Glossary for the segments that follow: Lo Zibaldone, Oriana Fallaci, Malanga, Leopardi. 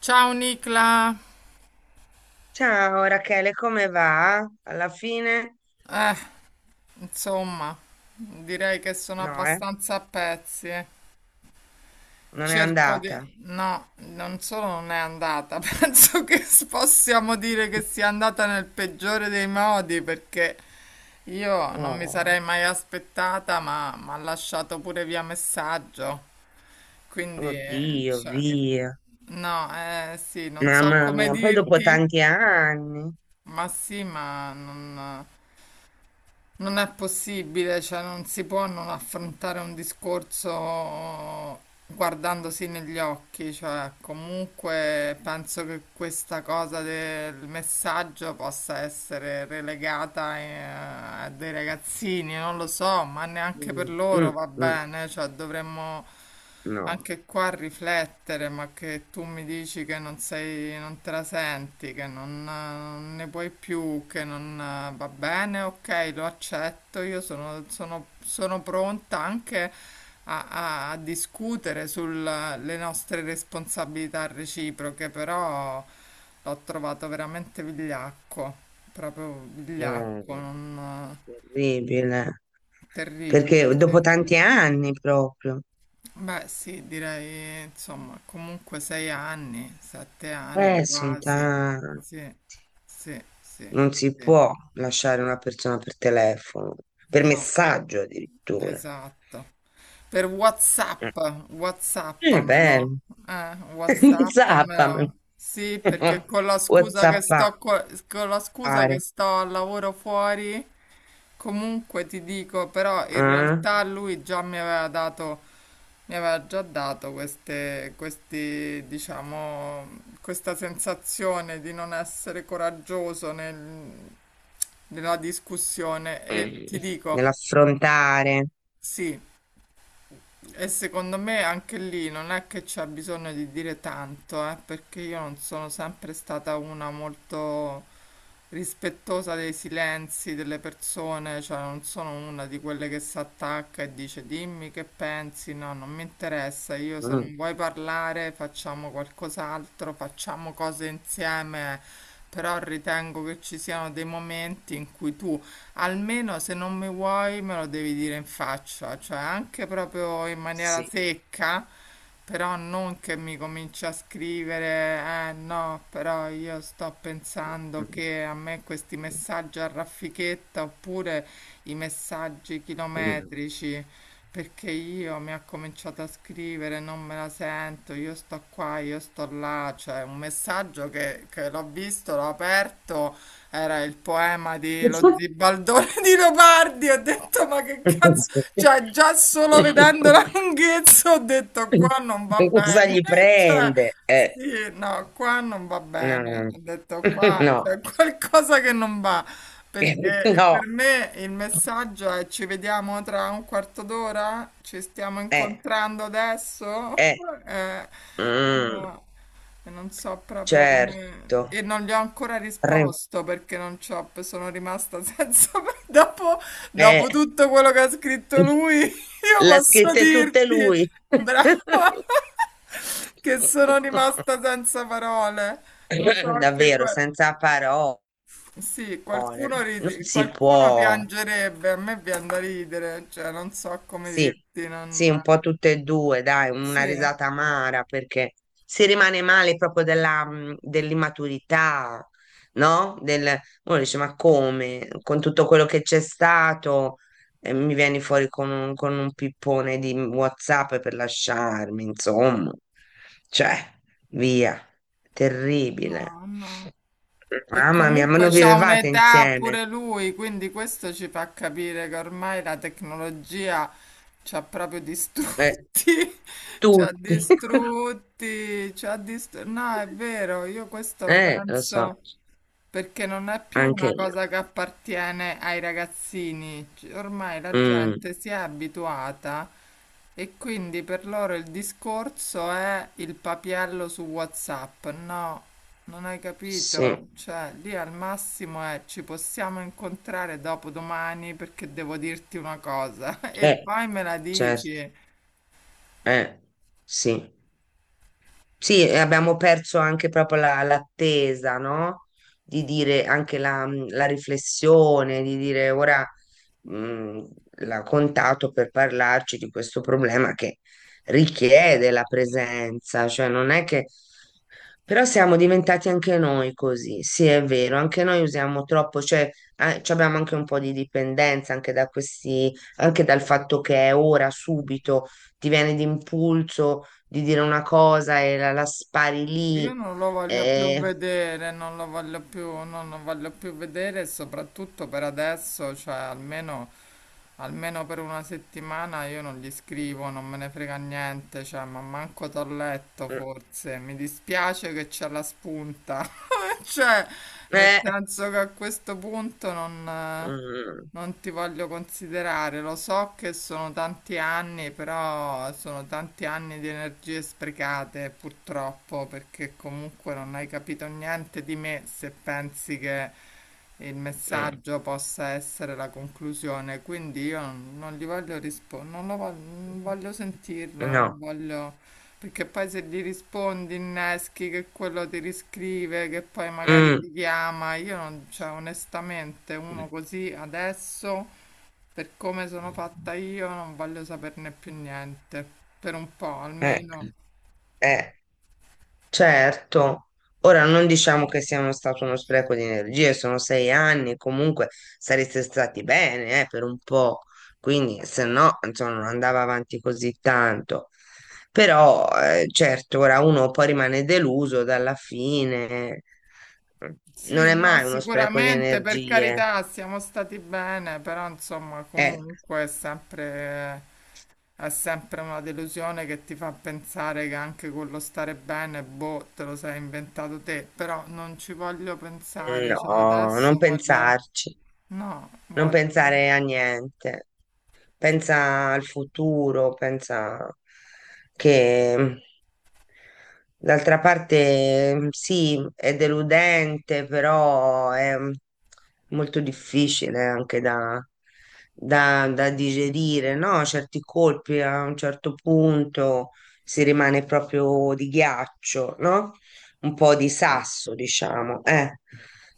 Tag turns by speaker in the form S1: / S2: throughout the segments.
S1: Ciao Nicla,
S2: Ciao Rachele, come va? Alla fine?
S1: eh, insomma, direi che sono
S2: No,
S1: abbastanza a pezzi. Eh.
S2: non è
S1: Cerco di...
S2: andata.
S1: No, non solo non è andata, penso che possiamo dire che sia andata nel peggiore dei modi perché io non mi
S2: Oh,
S1: sarei mai aspettata, ma mi ha lasciato pure via messaggio. Quindi,
S2: oddio,
S1: cioè,
S2: via.
S1: no, eh sì, non so
S2: Mamma
S1: come
S2: mia, poi dopo
S1: dirti.
S2: tanti anni.
S1: Ma sì, non è possibile, cioè non si può non affrontare un discorso guardandosi negli occhi, cioè
S2: Eh,
S1: comunque penso che questa cosa del messaggio possa essere relegata a dei ragazzini, non lo so, ma neanche per
S2: mm, mm,
S1: loro va
S2: mm,
S1: bene, cioè dovremmo
S2: no,
S1: anche qua a riflettere, ma che tu mi dici che non sei, non te la senti, che non, non ne puoi più, che non va bene, ok, lo accetto, io sono pronta anche a discutere sulle nostre responsabilità reciproche, però l'ho trovato veramente vigliacco, proprio vigliacco,
S2: eh,
S1: non,
S2: terribile.
S1: terribile,
S2: Perché dopo
S1: sì.
S2: tanti anni proprio.
S1: Beh, sì, direi, insomma, comunque 6 anni, 7 anni
S2: Sono
S1: quasi.
S2: tanti.
S1: Sì, sì, sì,
S2: Non si
S1: sì.
S2: può lasciare una persona per telefono, per
S1: No,
S2: messaggio addirittura.
S1: esatto. Per
S2: Eh,
S1: WhatsApp,
S2: è
S1: WhatsAppamelo.
S2: bello. Zappami.
S1: WhatsAppamelo. Sì, perché con la scusa che
S2: Whatsappare.
S1: con la scusa che
S2: Eh?
S1: sto al lavoro fuori, comunque ti dico, però in
S2: Mm.
S1: realtà lui già mi aveva dato, mi aveva già dato diciamo, questa sensazione di non essere coraggioso nella discussione e ti dico,
S2: Nell'affrontare.
S1: sì. E secondo me anche lì non è che c'è bisogno di dire tanto, perché io non sono sempre stata una molto rispettosa dei silenzi delle persone, cioè non sono una di quelle che si attacca e dice dimmi che pensi, no, non mi interessa, io se
S2: Mm.
S1: non vuoi parlare facciamo qualcos'altro, facciamo cose insieme, però ritengo che ci siano dei momenti in cui tu almeno se non mi vuoi me lo devi dire in faccia, cioè anche proprio in maniera
S2: Sì.
S1: secca, però non che mi cominci a scrivere, eh no, però io sto pensando che a me questi messaggi a raffichetta oppure i messaggi
S2: Mm.
S1: chilometrici. Perché io mi ha cominciato a scrivere, non me la sento, io sto qua, io sto là, cioè un messaggio che l'ho visto, l'ho aperto, era il poema di Lo Zibaldone di Leopardi. Ho detto, ma che cazzo? Cioè, già solo vedendo la lunghezza ho detto, qua non va
S2: Cosa
S1: bene.
S2: gli
S1: Cioè,
S2: prende?
S1: sì, no, qua non va bene.
S2: No,
S1: Ho detto, qua
S2: no,
S1: c'è qualcosa che non va. Perché
S2: no,
S1: per me il messaggio è ci vediamo tra un quarto d'ora? Ci stiamo
S2: eh,
S1: incontrando adesso?
S2: eh,
S1: Eh,
S2: mm,
S1: no. E non so proprio
S2: certo,
S1: come... E non gli ho ancora
S2: Re-
S1: risposto perché non c'ho... sono rimasta senza... Dopo,
S2: eh,
S1: dopo tutto quello che ha scritto lui, io
S2: l'ha
S1: posso
S2: scritta tutta
S1: dirti,
S2: lui.
S1: brava, che sono rimasta senza parole. Lo so che...
S2: Davvero,
S1: que-
S2: senza parole,
S1: Sì, qualcuno,
S2: non
S1: ride-
S2: si
S1: qualcuno
S2: può.
S1: piangerebbe, a me viene da ridere, cioè non so come
S2: Sì,
S1: dirti,
S2: sì,
S1: non...
S2: un po' tutte e due, dai, una
S1: Sì,
S2: risata amara perché si rimane male proprio dell'immaturità, no? Uno dice, ma come? Con tutto quello che c'è stato, mi vieni fuori con un pippone di WhatsApp per lasciarmi, insomma. Cioè, via, terribile.
S1: no, no. E
S2: Mamma mia, ma
S1: comunque
S2: non
S1: c'ha
S2: vivevate
S1: un'età
S2: insieme?
S1: pure lui, quindi questo ci fa capire che ormai la tecnologia ci ha proprio
S2: Eh,
S1: distrutti, ci ha
S2: tutti.
S1: distrutti, ci ha distrutti. No, è vero, io questo lo
S2: Lo so,
S1: penso. Perché non è più
S2: anche
S1: una
S2: io.
S1: cosa che appartiene ai ragazzini, C- ormai la
S2: Mm,
S1: gente si è abituata e quindi per loro il discorso è il papiello su WhatsApp. No, non hai capito?
S2: sì,
S1: Cioè, lì al massimo è ci possiamo incontrare dopo domani perché devo dirti una cosa e
S2: eh,
S1: poi me la
S2: certo,
S1: dici.
S2: eh, sì. Sì, e abbiamo perso anche proprio l'attesa, no? Di dire anche la riflessione, di dire ora mh, l'ha contato per parlarci di questo problema che richiede la presenza, cioè non è che. Però siamo diventati anche noi così, sì, è vero, anche noi usiamo troppo, cioè ci abbiamo anche un po' di dipendenza anche da questi, anche dal fatto che è ora, subito, ti viene d'impulso di dire una cosa e la spari
S1: Io
S2: lì.
S1: non lo voglio più
S2: Eh,
S1: vedere, non lo voglio più, non lo voglio più vedere, e soprattutto per adesso, cioè almeno, almeno per 1 settimana io non gli scrivo, non me ne frega niente, cioè, ma manco t'ho letto
S2: mm,
S1: forse, mi dispiace che c'è la spunta, cioè, nel
S2: eh,
S1: senso che a questo punto non...
S2: mm,
S1: non ti voglio considerare, lo so che sono tanti anni, però sono tanti anni di energie sprecate purtroppo, perché comunque non hai capito niente di me se pensi che il
S2: mm,
S1: messaggio possa essere la conclusione. Quindi io non gli voglio rispondere, non lo voglio, non voglio sentirlo,
S2: mm, no.
S1: non voglio... Perché poi se gli rispondi inneschi che quello ti riscrive, che poi magari
S2: Mm,
S1: ti chiama, io non, cioè onestamente uno così adesso, per come sono
S2: mm,
S1: fatta io, non voglio saperne più niente, per un po'
S2: eh,
S1: almeno.
S2: eh. Certo, ora non diciamo che sia uno stato uno spreco di energie, sono 6 anni, comunque sareste stati bene, per un po', quindi se no, insomma, non andava avanti così tanto. Però, certo, ora uno poi rimane deluso dalla fine, non
S1: Sì,
S2: è
S1: no,
S2: mai uno spreco di
S1: sicuramente, per
S2: energie,
S1: carità, siamo stati bene, però insomma
S2: eh,
S1: comunque è sempre è sempre una delusione che ti fa pensare che anche quello stare bene, boh, te lo sei inventato te, però non ci voglio pensare, cioè
S2: no, non
S1: adesso voglio,
S2: pensarci,
S1: no,
S2: non
S1: voglio
S2: pensare a niente. Pensa al futuro, pensa che d'altra parte sì, è deludente, però è molto difficile anche da digerire, no? Certi colpi a un certo punto si rimane proprio di ghiaccio, no? Un po' di sasso, diciamo.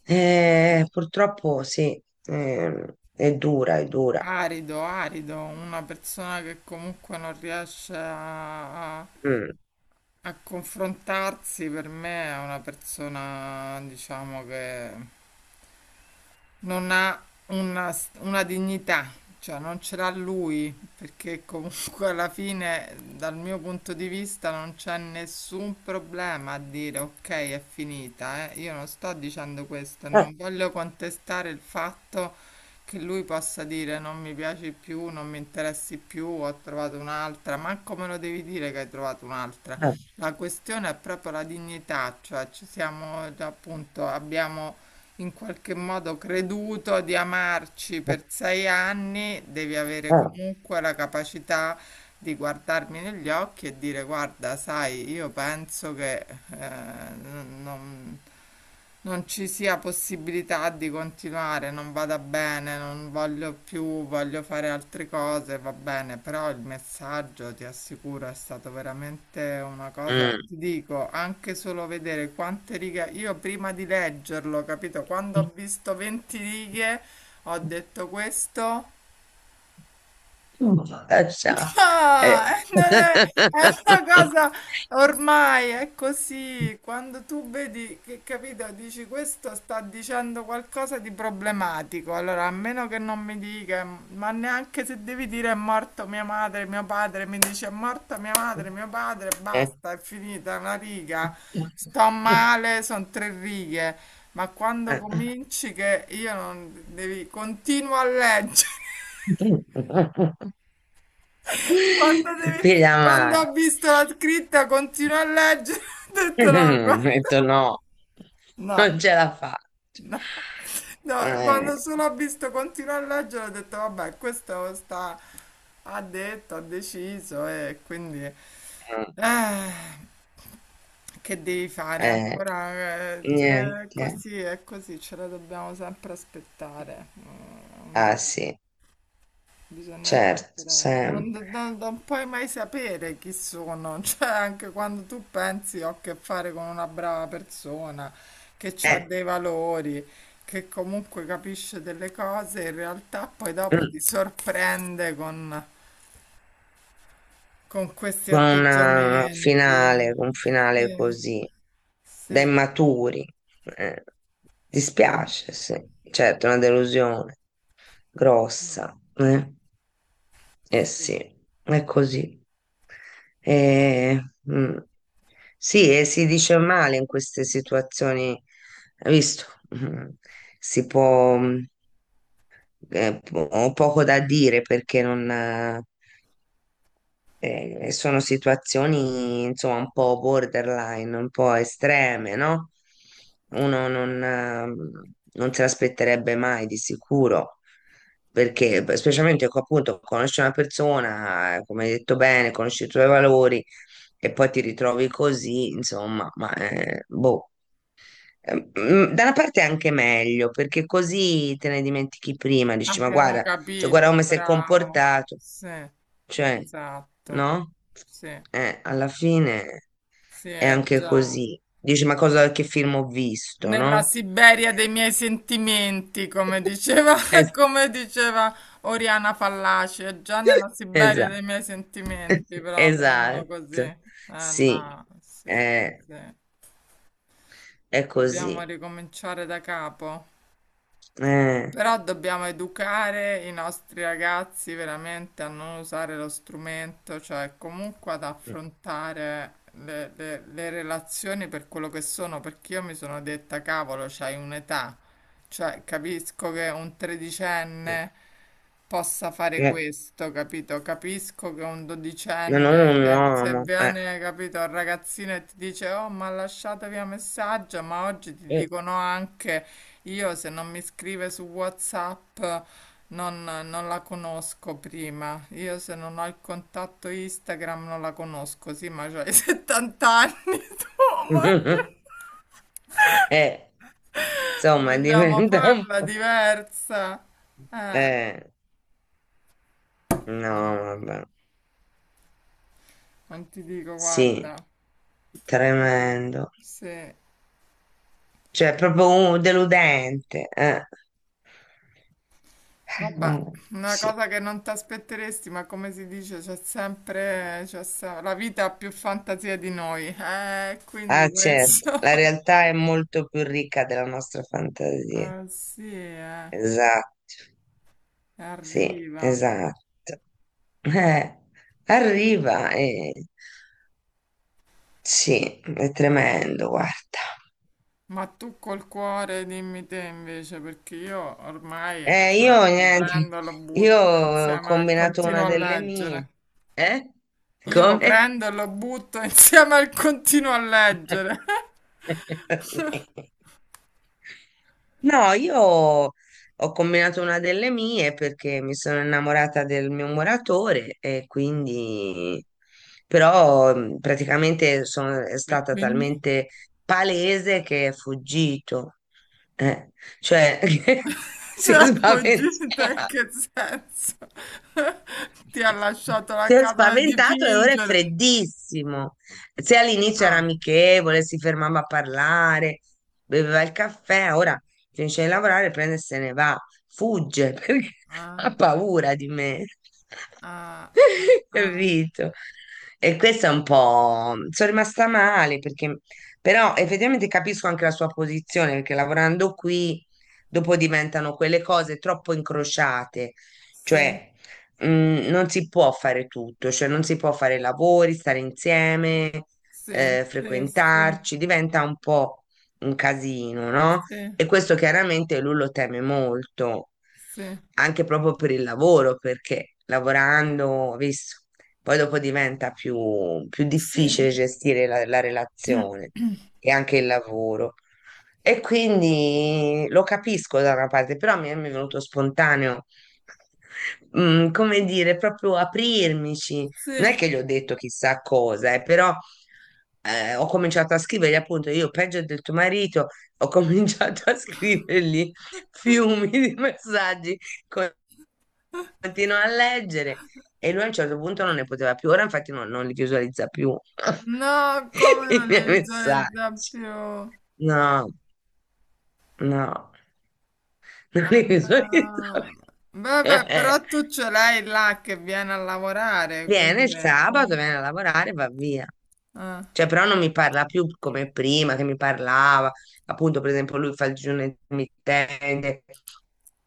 S2: Purtroppo sì, è dura, è dura.
S1: arido, arido, una persona che comunque non riesce a, a
S2: Mm.
S1: a confrontarsi per me è una persona, diciamo che non ha una, una dignità, cioè non ce l'ha lui, perché comunque alla fine, dal mio punto di vista, non c'è nessun problema a dire ok, è finita, eh. Io non sto dicendo questo, e
S2: Eh,
S1: non voglio contestare il fatto che lui possa dire non mi piaci più, non mi interessi più, ho trovato un'altra, manco me lo devi dire che hai trovato un'altra.
S2: eh.
S1: La questione è proprio la dignità, cioè ci siamo, appunto, abbiamo in qualche modo creduto di amarci
S2: हाँ,
S1: per 6 anni, devi avere comunque la capacità di guardarmi negli occhi e dire guarda, sai, io penso che eh, non, non ci sia possibilità di continuare, non vada bene, non voglio più, voglio fare altre cose, va bene, però il messaggio, ti assicuro, è stato veramente una cosa che
S2: हम्म
S1: ti dico, anche solo vedere quante righe, io prima di leggerlo, capito, quando ho visto 20 righe, ho detto questo
S2: अच्छा
S1: No,
S2: है.
S1: non è, è una cosa ormai è così. Quando tu vedi che, capito, dici questo sta dicendo qualcosa di problematico. Allora, a meno che non mi dica, ma neanche se devi dire è morto mia madre, mio padre, mi dice è morta mia madre, mio padre, basta, è finita una riga. Sto male, sono 3 righe. Ma quando cominci che io non devi, continuo a leggere. Quando, deve-
S2: Piglia
S1: quando
S2: male.
S1: ha visto la scritta continua a leggere, ha detto no,
S2: Mm, ho
S1: guarda.
S2: detto no,
S1: No,
S2: non ce la faccio.
S1: no, no,
S2: Eh,
S1: quando solo ha visto continua a leggere, ha detto vabbè, questo sta, ha detto, ha deciso e quindi eh, che devi fare
S2: eh,
S1: ancora? Cioè, è
S2: niente.
S1: così, è così, ce la dobbiamo sempre aspettare. Mm, un
S2: Ah
S1: disastro.
S2: sì,
S1: Bisogna
S2: certo,
S1: sempre,
S2: sempre.
S1: non puoi mai sapere chi sono, cioè anche quando tu pensi ho a che fare con una brava persona, che ha
S2: Eh,
S1: dei valori, che comunque capisce delle cose, in realtà poi dopo
S2: mm,
S1: ti sorprende con, questi atteggiamenti.
S2: con un finale
S1: Sì,
S2: così. Da
S1: sì,
S2: immaturi. Eh,
S1: sì,
S2: dispiace, sì. Certo, è una delusione
S1: sì,
S2: grossa. Eh sì,
S1: sì.
S2: è così. Eh, mm. Sì, e si dice male in queste situazioni, hai visto? Mm. Si può, ho poco da dire perché non, eh. Sono situazioni, insomma, un po' borderline, un po' estreme, no? Uno non se l'aspetterebbe mai di sicuro, perché beh, specialmente appunto conosci una persona, come hai detto bene, conosci i tuoi valori e poi ti ritrovi così, insomma, ma boh. Mm, da una parte è anche meglio perché così te ne dimentichi prima, dici ma
S1: Abbiamo
S2: guarda, cioè guarda
S1: capito,
S2: come si è
S1: bravo.
S2: comportato,
S1: Sì,
S2: cioè,
S1: esatto.
S2: no?
S1: Sì.
S2: Alla fine
S1: Sì,
S2: è
S1: è
S2: anche
S1: già
S2: così. Dici, ma cosa, che film ho visto,
S1: nella
S2: no?
S1: Siberia dei miei sentimenti, come diceva,
S2: Es-
S1: come diceva Oriana Fallaci, è già nella Siberia
S2: esatto,
S1: dei miei sentimenti, proprio uno
S2: esatto.
S1: così. Eh
S2: Sì,
S1: no, sì,
S2: eh,
S1: sì.
S2: è
S1: Dobbiamo
S2: così.
S1: ricominciare da capo.
S2: Eh,
S1: Però dobbiamo educare i nostri ragazzi veramente a non usare lo strumento, cioè comunque ad affrontare le relazioni per quello che sono, perché io mi sono detta, cavolo, c'hai un'età, cioè capisco che un
S2: eh,
S1: tredicenne possa fare
S2: eh,
S1: questo, capito? Capisco che un
S2: ma non è
S1: dodicenne,
S2: un
S1: se
S2: uomo.
S1: viene, capito, il ragazzino e ti dice, oh, ma lasciatevi un messaggio, ma oggi ti
S2: Eh,
S1: dicono anche, io se non mi scrive su WhatsApp non la conosco prima, io se non ho il contatto Instagram non la conosco, sì, ma c'hai 70 anni tu, ma
S2: eh, insomma,
S1: vogliamo
S2: diventa un
S1: farla
S2: po'.
S1: diversa? Eh,
S2: Eh, no, vabbè.
S1: non ti dico,
S2: Sì,
S1: guarda. Vabbè,
S2: tremendo.
S1: sì,
S2: Cioè, è proprio deludente. Eh,
S1: vabbè, una
S2: Sì.
S1: cosa che non ti aspetteresti, ma come si dice, c'è sempre, c'è se- la vita ha più fantasia di noi, quindi
S2: Ah, certo,
S1: questo,
S2: la realtà è molto più ricca della nostra fantasia.
S1: sì,
S2: Esatto, sì,
S1: arriva.
S2: esatto. Eh, arriva, eh. Sì, è tremendo, guarda.
S1: Ma tu col cuore dimmi te invece, perché io ormai,
S2: Io
S1: cioè, lo
S2: niente,
S1: prendo e lo
S2: io
S1: butto
S2: ho
S1: insieme al
S2: combinato una
S1: continuo a
S2: delle mie.
S1: leggere.
S2: Eh?
S1: Io lo
S2: Come?
S1: prendo e lo butto insieme al continuo a leggere.
S2: Sì. No, io ho combinato una delle mie perché mi sono innamorata del mio muratore e quindi però praticamente è
S1: E
S2: stata
S1: quindi?
S2: talmente palese che è fuggito, eh, cioè si è
S1: Cioè, fuggita in
S2: spaventato.
S1: che senso? Ti ha lasciato
S2: Si
S1: la
S2: è
S1: casa da
S2: spaventato e ora è
S1: dipingere.
S2: freddissimo. Se all'inizio era
S1: Ah,
S2: amichevole, si fermava a parlare, beveva il caffè, ora finisce di lavorare, prende e se ne va. Fugge perché
S1: ah,
S2: ha paura di me.
S1: ah, ah,
S2: Capito? E questo è un po'. Sono rimasta male perché. Però effettivamente capisco anche la sua posizione perché lavorando qui dopo diventano quelle cose troppo incrociate.
S1: sì,
S2: Cioè non si può fare tutto, cioè non si può fare lavori, stare insieme,
S1: sì, sì, sì,
S2: frequentarci, diventa un po' un casino, no?
S1: sì,
S2: E questo chiaramente lui lo teme molto,
S1: sì,
S2: anche proprio per il lavoro, perché lavorando, ho visto, poi dopo diventa più
S1: sì,
S2: difficile gestire la relazione e anche il lavoro. E quindi lo capisco da una parte, però mi è venuto spontaneo come dire, proprio aprirmici. Non
S1: sì.
S2: è che gli ho detto chissà cosa, però ho cominciato a scrivergli, appunto, io peggio del tuo marito, ho cominciato a scrivergli fiumi di messaggi, con- continuo a leggere e lui a un certo punto non ne poteva più, ora infatti non li visualizza più
S1: No, come
S2: i
S1: non li
S2: miei messaggi.
S1: visualizza più?
S2: No, no, non
S1: Ah,
S2: li visualizza
S1: no.
S2: più.
S1: Vabbè, però tu ce l'hai là che viene a lavorare,
S2: Viene
S1: quindi...
S2: il sabato,
S1: eh?
S2: viene a lavorare e va via.
S1: Ah,
S2: Cioè, però non mi parla più come prima, che mi parlava. Appunto, per esempio, lui fa il digiuno intermittente,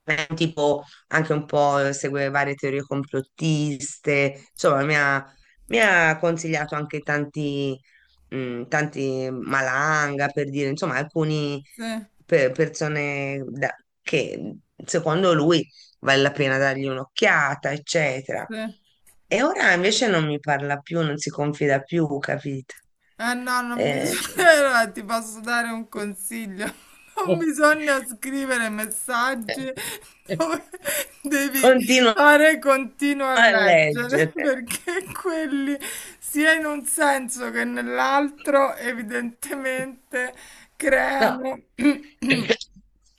S2: è un tipo anche un po' segue varie teorie complottiste. Insomma, mi ha consigliato anche tanti Malanga, per dire, insomma, alcune
S1: sì,
S2: persone che secondo lui vale la pena dargli un'occhiata, eccetera.
S1: sì,
S2: E ora invece non mi parla più, non si confida più, capito?
S1: eh no, non
S2: Eh,
S1: bisogna, ti posso dare un consiglio. Non bisogna scrivere messaggi dove devi
S2: continuo
S1: fare continuo a
S2: a
S1: leggere,
S2: leggere.
S1: perché quelli, sia in un senso che nell'altro, evidentemente
S2: No,
S1: creano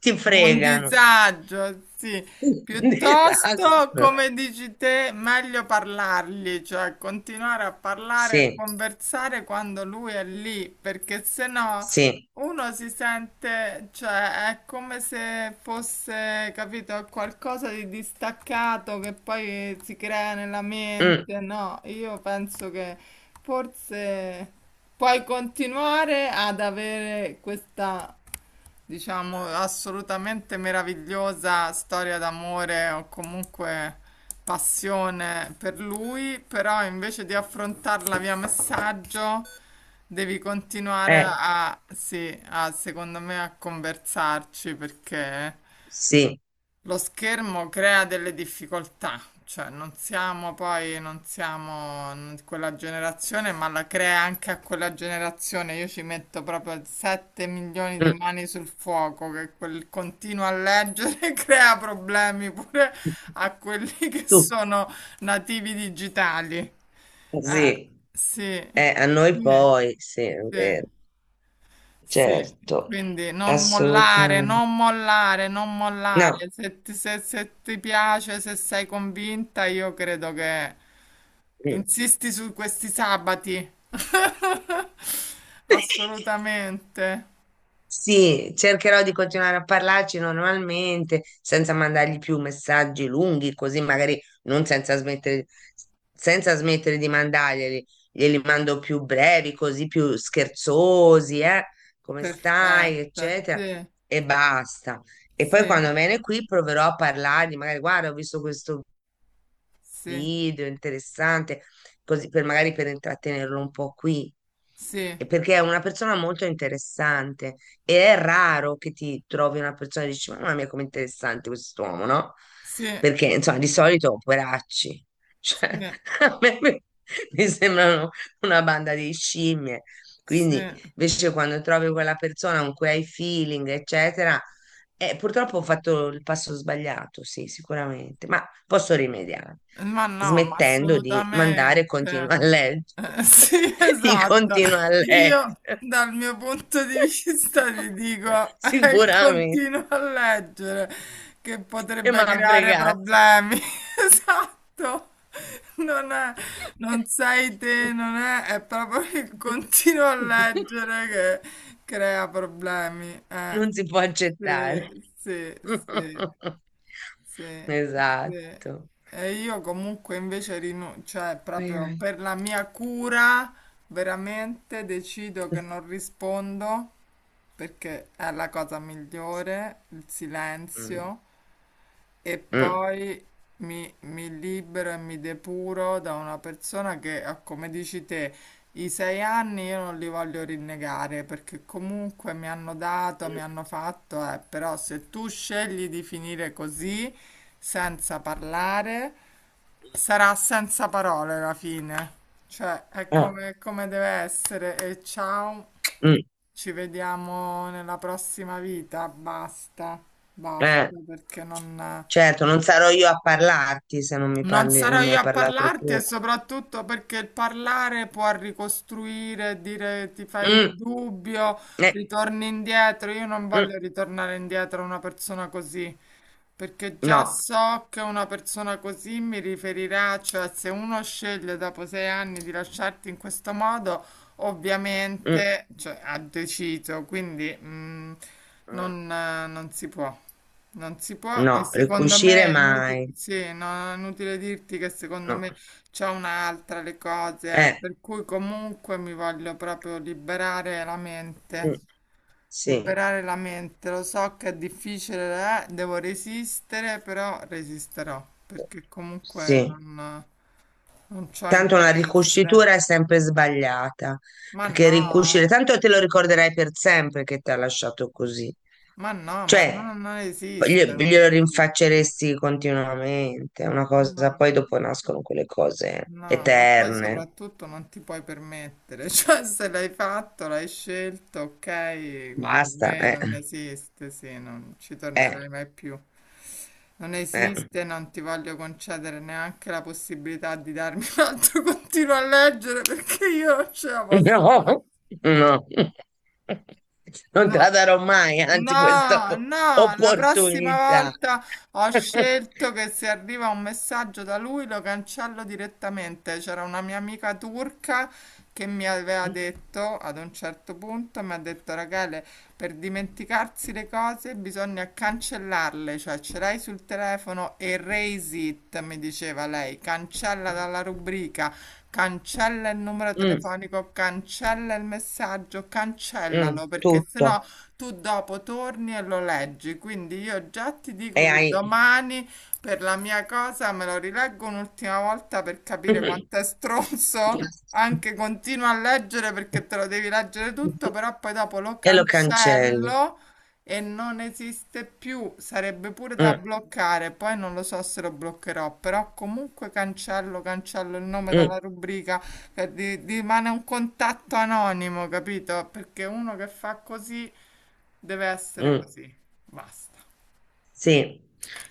S2: ti
S1: un
S2: fregano.
S1: disagio, sì.
S2: Un
S1: Piuttosto,
S2: disastro.
S1: come dici te, meglio parlargli, cioè continuare a parlare, a
S2: Sì,
S1: conversare quando lui è lì, perché sennò
S2: sì,
S1: uno si sente, cioè è come se fosse, capito, qualcosa di distaccato che poi si crea nella
S2: mm,
S1: mente. No, io penso che forse puoi continuare ad avere questa diciamo, assolutamente meravigliosa storia d'amore o comunque passione per lui, però invece di affrontarla via messaggio devi continuare
S2: eh,
S1: a, sì, a, secondo me a conversarci perché
S2: sì,
S1: lo schermo crea delle difficoltà, cioè non siamo poi, non siamo n- quella generazione, ma la crea anche a quella generazione. Io ci metto proprio 7 milioni di
S2: mm,
S1: mani sul fuoco, che quel continuo a leggere crea problemi pure a quelli che
S2: tu,
S1: sono nativi digitali. Eh,
S2: sì,
S1: sì,
S2: a noi
S1: sì,
S2: poi, sì, è
S1: sì.
S2: vero.
S1: Sì,
S2: Certo,
S1: quindi non mollare,
S2: assolutamente.
S1: non mollare, non
S2: No.
S1: mollare. Se ti piace, se sei convinta, io credo che
S2: Mm.
S1: insisti su questi sabati. Assolutamente.
S2: Sì, cercherò di continuare a parlarci normalmente, senza mandargli più messaggi lunghi, così magari non senza smettere, senza smettere di mandarglieli. Glieli mando più brevi, così più scherzosi, eh? Come stai,
S1: Perfetta,
S2: eccetera.
S1: sì,
S2: E basta. E poi
S1: sì,
S2: quando viene qui proverò a parlargli, magari guarda, ho visto questo
S1: sì,
S2: video interessante, così per intrattenerlo un po' qui.
S1: sì,
S2: E perché è una persona molto interessante e è raro che ti trovi una persona e dici, mamma mia, com'è interessante quest'uomo, no?
S1: sì,
S2: Perché, insomma, di solito, poveracci, cioè,
S1: sì,
S2: a me mi sembrano una banda di scimmie. Quindi,
S1: sì.
S2: invece, quando trovi quella persona con cui hai feeling, eccetera, purtroppo ho fatto il passo sbagliato, sì, sicuramente. Ma posso rimediare
S1: Ma no, ma
S2: smettendo di mandare
S1: assolutamente.
S2: continua a leggere
S1: Sì,
S2: i
S1: esatto.
S2: continua a leggere
S1: Io dal mio punto di vista ti dico,
S2: sicuramente
S1: continua a leggere che
S2: che mi
S1: potrebbe
S2: ha
S1: creare
S2: fregato
S1: problemi. Esatto. Non è, non sei te, non è, è proprio il continuo a leggere che crea problemi.
S2: non si può accettare
S1: Sì, sì, sì. Sì, sì.
S2: esatto.
S1: E io comunque invece rinuncio, cioè
S2: Ai,
S1: proprio
S2: ai.
S1: per la mia cura veramente decido che non rispondo, perché è la cosa migliore, il
S2: Mm,
S1: silenzio. E
S2: mm,
S1: poi mi libero e mi depuro da una persona che, ah, come dici te, i 6 anni io non li voglio rinnegare, perché comunque mi hanno
S2: mm,
S1: dato,
S2: mm,
S1: mi hanno fatto, però se tu scegli di finire così, senza parlare, sarà senza parole la fine. Cioè, è
S2: ah,
S1: come, come deve essere. E ciao,
S2: mm,
S1: ci vediamo nella prossima vita. Basta,
S2: eh.
S1: basta, perché non...
S2: Certo, non sarò io a parlarti se non mi
S1: Non
S2: parli, non
S1: sarò
S2: mi
S1: io
S2: hai
S1: a
S2: parlato
S1: parlarti,
S2: tu.
S1: e soprattutto perché il parlare può ricostruire, dire ti fai il
S2: Mm,
S1: dubbio,
S2: eh,
S1: ritorni indietro. Io non
S2: mm,
S1: voglio ritornare indietro a una persona così, perché già
S2: no,
S1: so che una persona così mi riferirà, cioè se uno sceglie dopo 6 anni di lasciarti in questo modo,
S2: mm,
S1: ovviamente, cioè, ha deciso, quindi
S2: mm,
S1: non non si può. Non si può,
S2: no,
S1: e secondo
S2: ricucire
S1: me è inutile,
S2: mai.
S1: sì, no, no, è inutile dirti che secondo
S2: No.
S1: me c'è un'altra le cose,
S2: Eh,
S1: per cui comunque mi voglio proprio
S2: mm, sì,
S1: liberare la mente, lo so che è difficile, devo resistere, però resisterò, perché comunque
S2: sì.
S1: non c'ho
S2: Tanto una
S1: interesse.
S2: ricucitura è sempre sbagliata,
S1: Ma
S2: perché ricucire,
S1: no,
S2: tanto te lo ricorderai per sempre che ti ha lasciato così.
S1: ma no, ma no,
S2: Cioè,
S1: non esiste, non
S2: glielo
S1: esiste.
S2: rinfacceresti continuamente, è una
S1: No,
S2: cosa,
S1: no.
S2: poi dopo
S1: No.
S2: nascono quelle cose
S1: No, ma poi
S2: eterne.
S1: soprattutto non ti puoi permettere, cioè se l'hai fatto, l'hai scelto, ok, con
S2: Basta,
S1: me non esiste, sì, non ci
S2: eh,
S1: tornerai mai più. Non
S2: eh.
S1: esiste, non ti voglio concedere neanche la possibilità di darmi un altro continuo a leggere, perché io non ce la posso fare.
S2: No, no, non te la
S1: No.
S2: darò mai, anzi, questa
S1: No, no, la prossima
S2: opportunità.
S1: volta ho scelto che se arriva un messaggio da lui lo cancello direttamente. C'era una mia amica turca che mi aveva
S2: Mm,
S1: detto ad un certo punto, mi ha detto Rachele, per dimenticarsi le cose bisogna cancellarle, cioè ce l'hai sul telefono, erase it, mi diceva lei, cancella dalla rubrica, cancella il numero
S2: mm,
S1: telefonico, cancella il messaggio,
S2: mm,
S1: cancellalo, perché
S2: tutto.
S1: sennò tu dopo torni e lo leggi. Quindi io già ti
S2: E
S1: dico che
S2: hai.
S1: domani per la mia cosa me lo rileggo un'ultima volta per capire quanto è stronzo. Anche continuo a leggere, perché te lo devi leggere tutto, però poi dopo lo
S2: E lo cancelli.
S1: cancello e non esiste più, sarebbe pure da
S2: Mm,
S1: bloccare, poi non lo so se lo bloccherò, però comunque cancello, cancello il nome
S2: mm,
S1: dalla rubrica, rimane un contatto anonimo, capito? Perché uno che fa così deve essere
S2: mm.
S1: così, basta.
S2: Sì.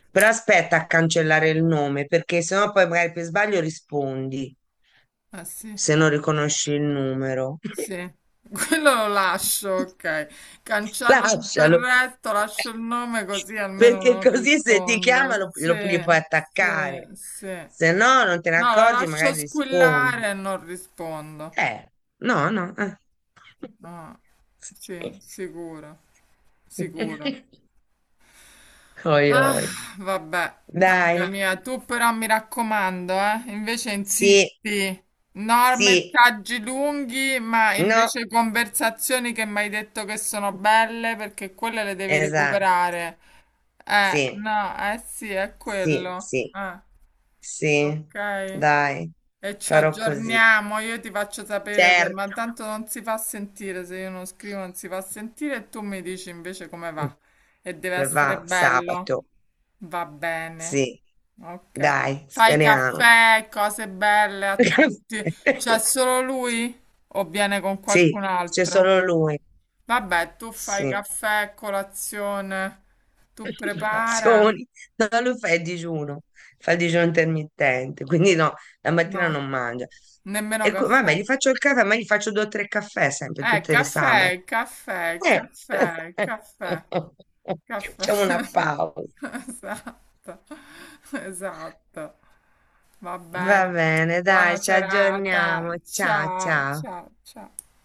S2: Però aspetta a cancellare il nome, perché sennò poi magari per sbaglio rispondi,
S1: Ah sì?
S2: se non riconosci il numero.
S1: Sì, quello lo lascio, ok. Cancello tutto il
S2: Lascialo,
S1: resto, lascio il nome così almeno
S2: perché
S1: non
S2: così se ti
S1: rispondo.
S2: chiama
S1: Sì,
S2: gli puoi
S1: sì,
S2: attaccare.
S1: sì.
S2: Se no, non te ne
S1: No, lo
S2: accorgi,
S1: lascio
S2: magari rispondi.
S1: squillare e non rispondo.
S2: Eh, no, no. Eh.
S1: Ah, sì, sicuro, sicuro.
S2: Oi,
S1: Ah,
S2: oi.
S1: vabbè,
S2: Dai,
S1: amica mia, tu però mi raccomando, invece
S2: sì,
S1: insisti. No,
S2: sì,
S1: messaggi lunghi, ma
S2: no,
S1: invece conversazioni che mi hai detto che sono belle, perché quelle le devi
S2: esatto,
S1: recuperare.
S2: sì,
S1: No, eh sì, è
S2: sì,
S1: quello.
S2: sì,
S1: Ah,
S2: sì,
S1: ok.
S2: dai,
S1: E ci
S2: farò così.
S1: aggiorniamo, io ti faccio sapere se, ma
S2: Certo,
S1: tanto non si fa sentire, se io non scrivo non si fa sentire, e tu mi dici invece come va. E deve
S2: come
S1: essere
S2: va
S1: bello.
S2: sabato,
S1: Va bene.
S2: sì.
S1: Ok.
S2: Dai,
S1: Fai
S2: speriamo.
S1: caffè, cose belle a tutti. C'è solo lui o viene con
S2: Sì,
S1: qualcun
S2: c'è
S1: altro?
S2: solo lui.
S1: Vabbè, tu fai
S2: Sì.
S1: caffè, colazione, tu prepara?
S2: Azioni. No, lui fa il digiuno intermittente, quindi no, la
S1: No,
S2: mattina non mangia.
S1: nemmeno
S2: E vabbè,
S1: caffè.
S2: gli faccio il caffè, ma gli faccio due o tre caffè sempre, tutte le sabate.
S1: Caffè, caffè,
S2: Eh.
S1: caffè, caffè, caffè.
S2: Facciamo una pausa.
S1: Esatto, esatto. Va
S2: Va
S1: bene.
S2: bene, dai,
S1: Buona
S2: ci
S1: serata.
S2: aggiorniamo. Ciao,
S1: Ciao,
S2: ciao.
S1: ciao, ciao.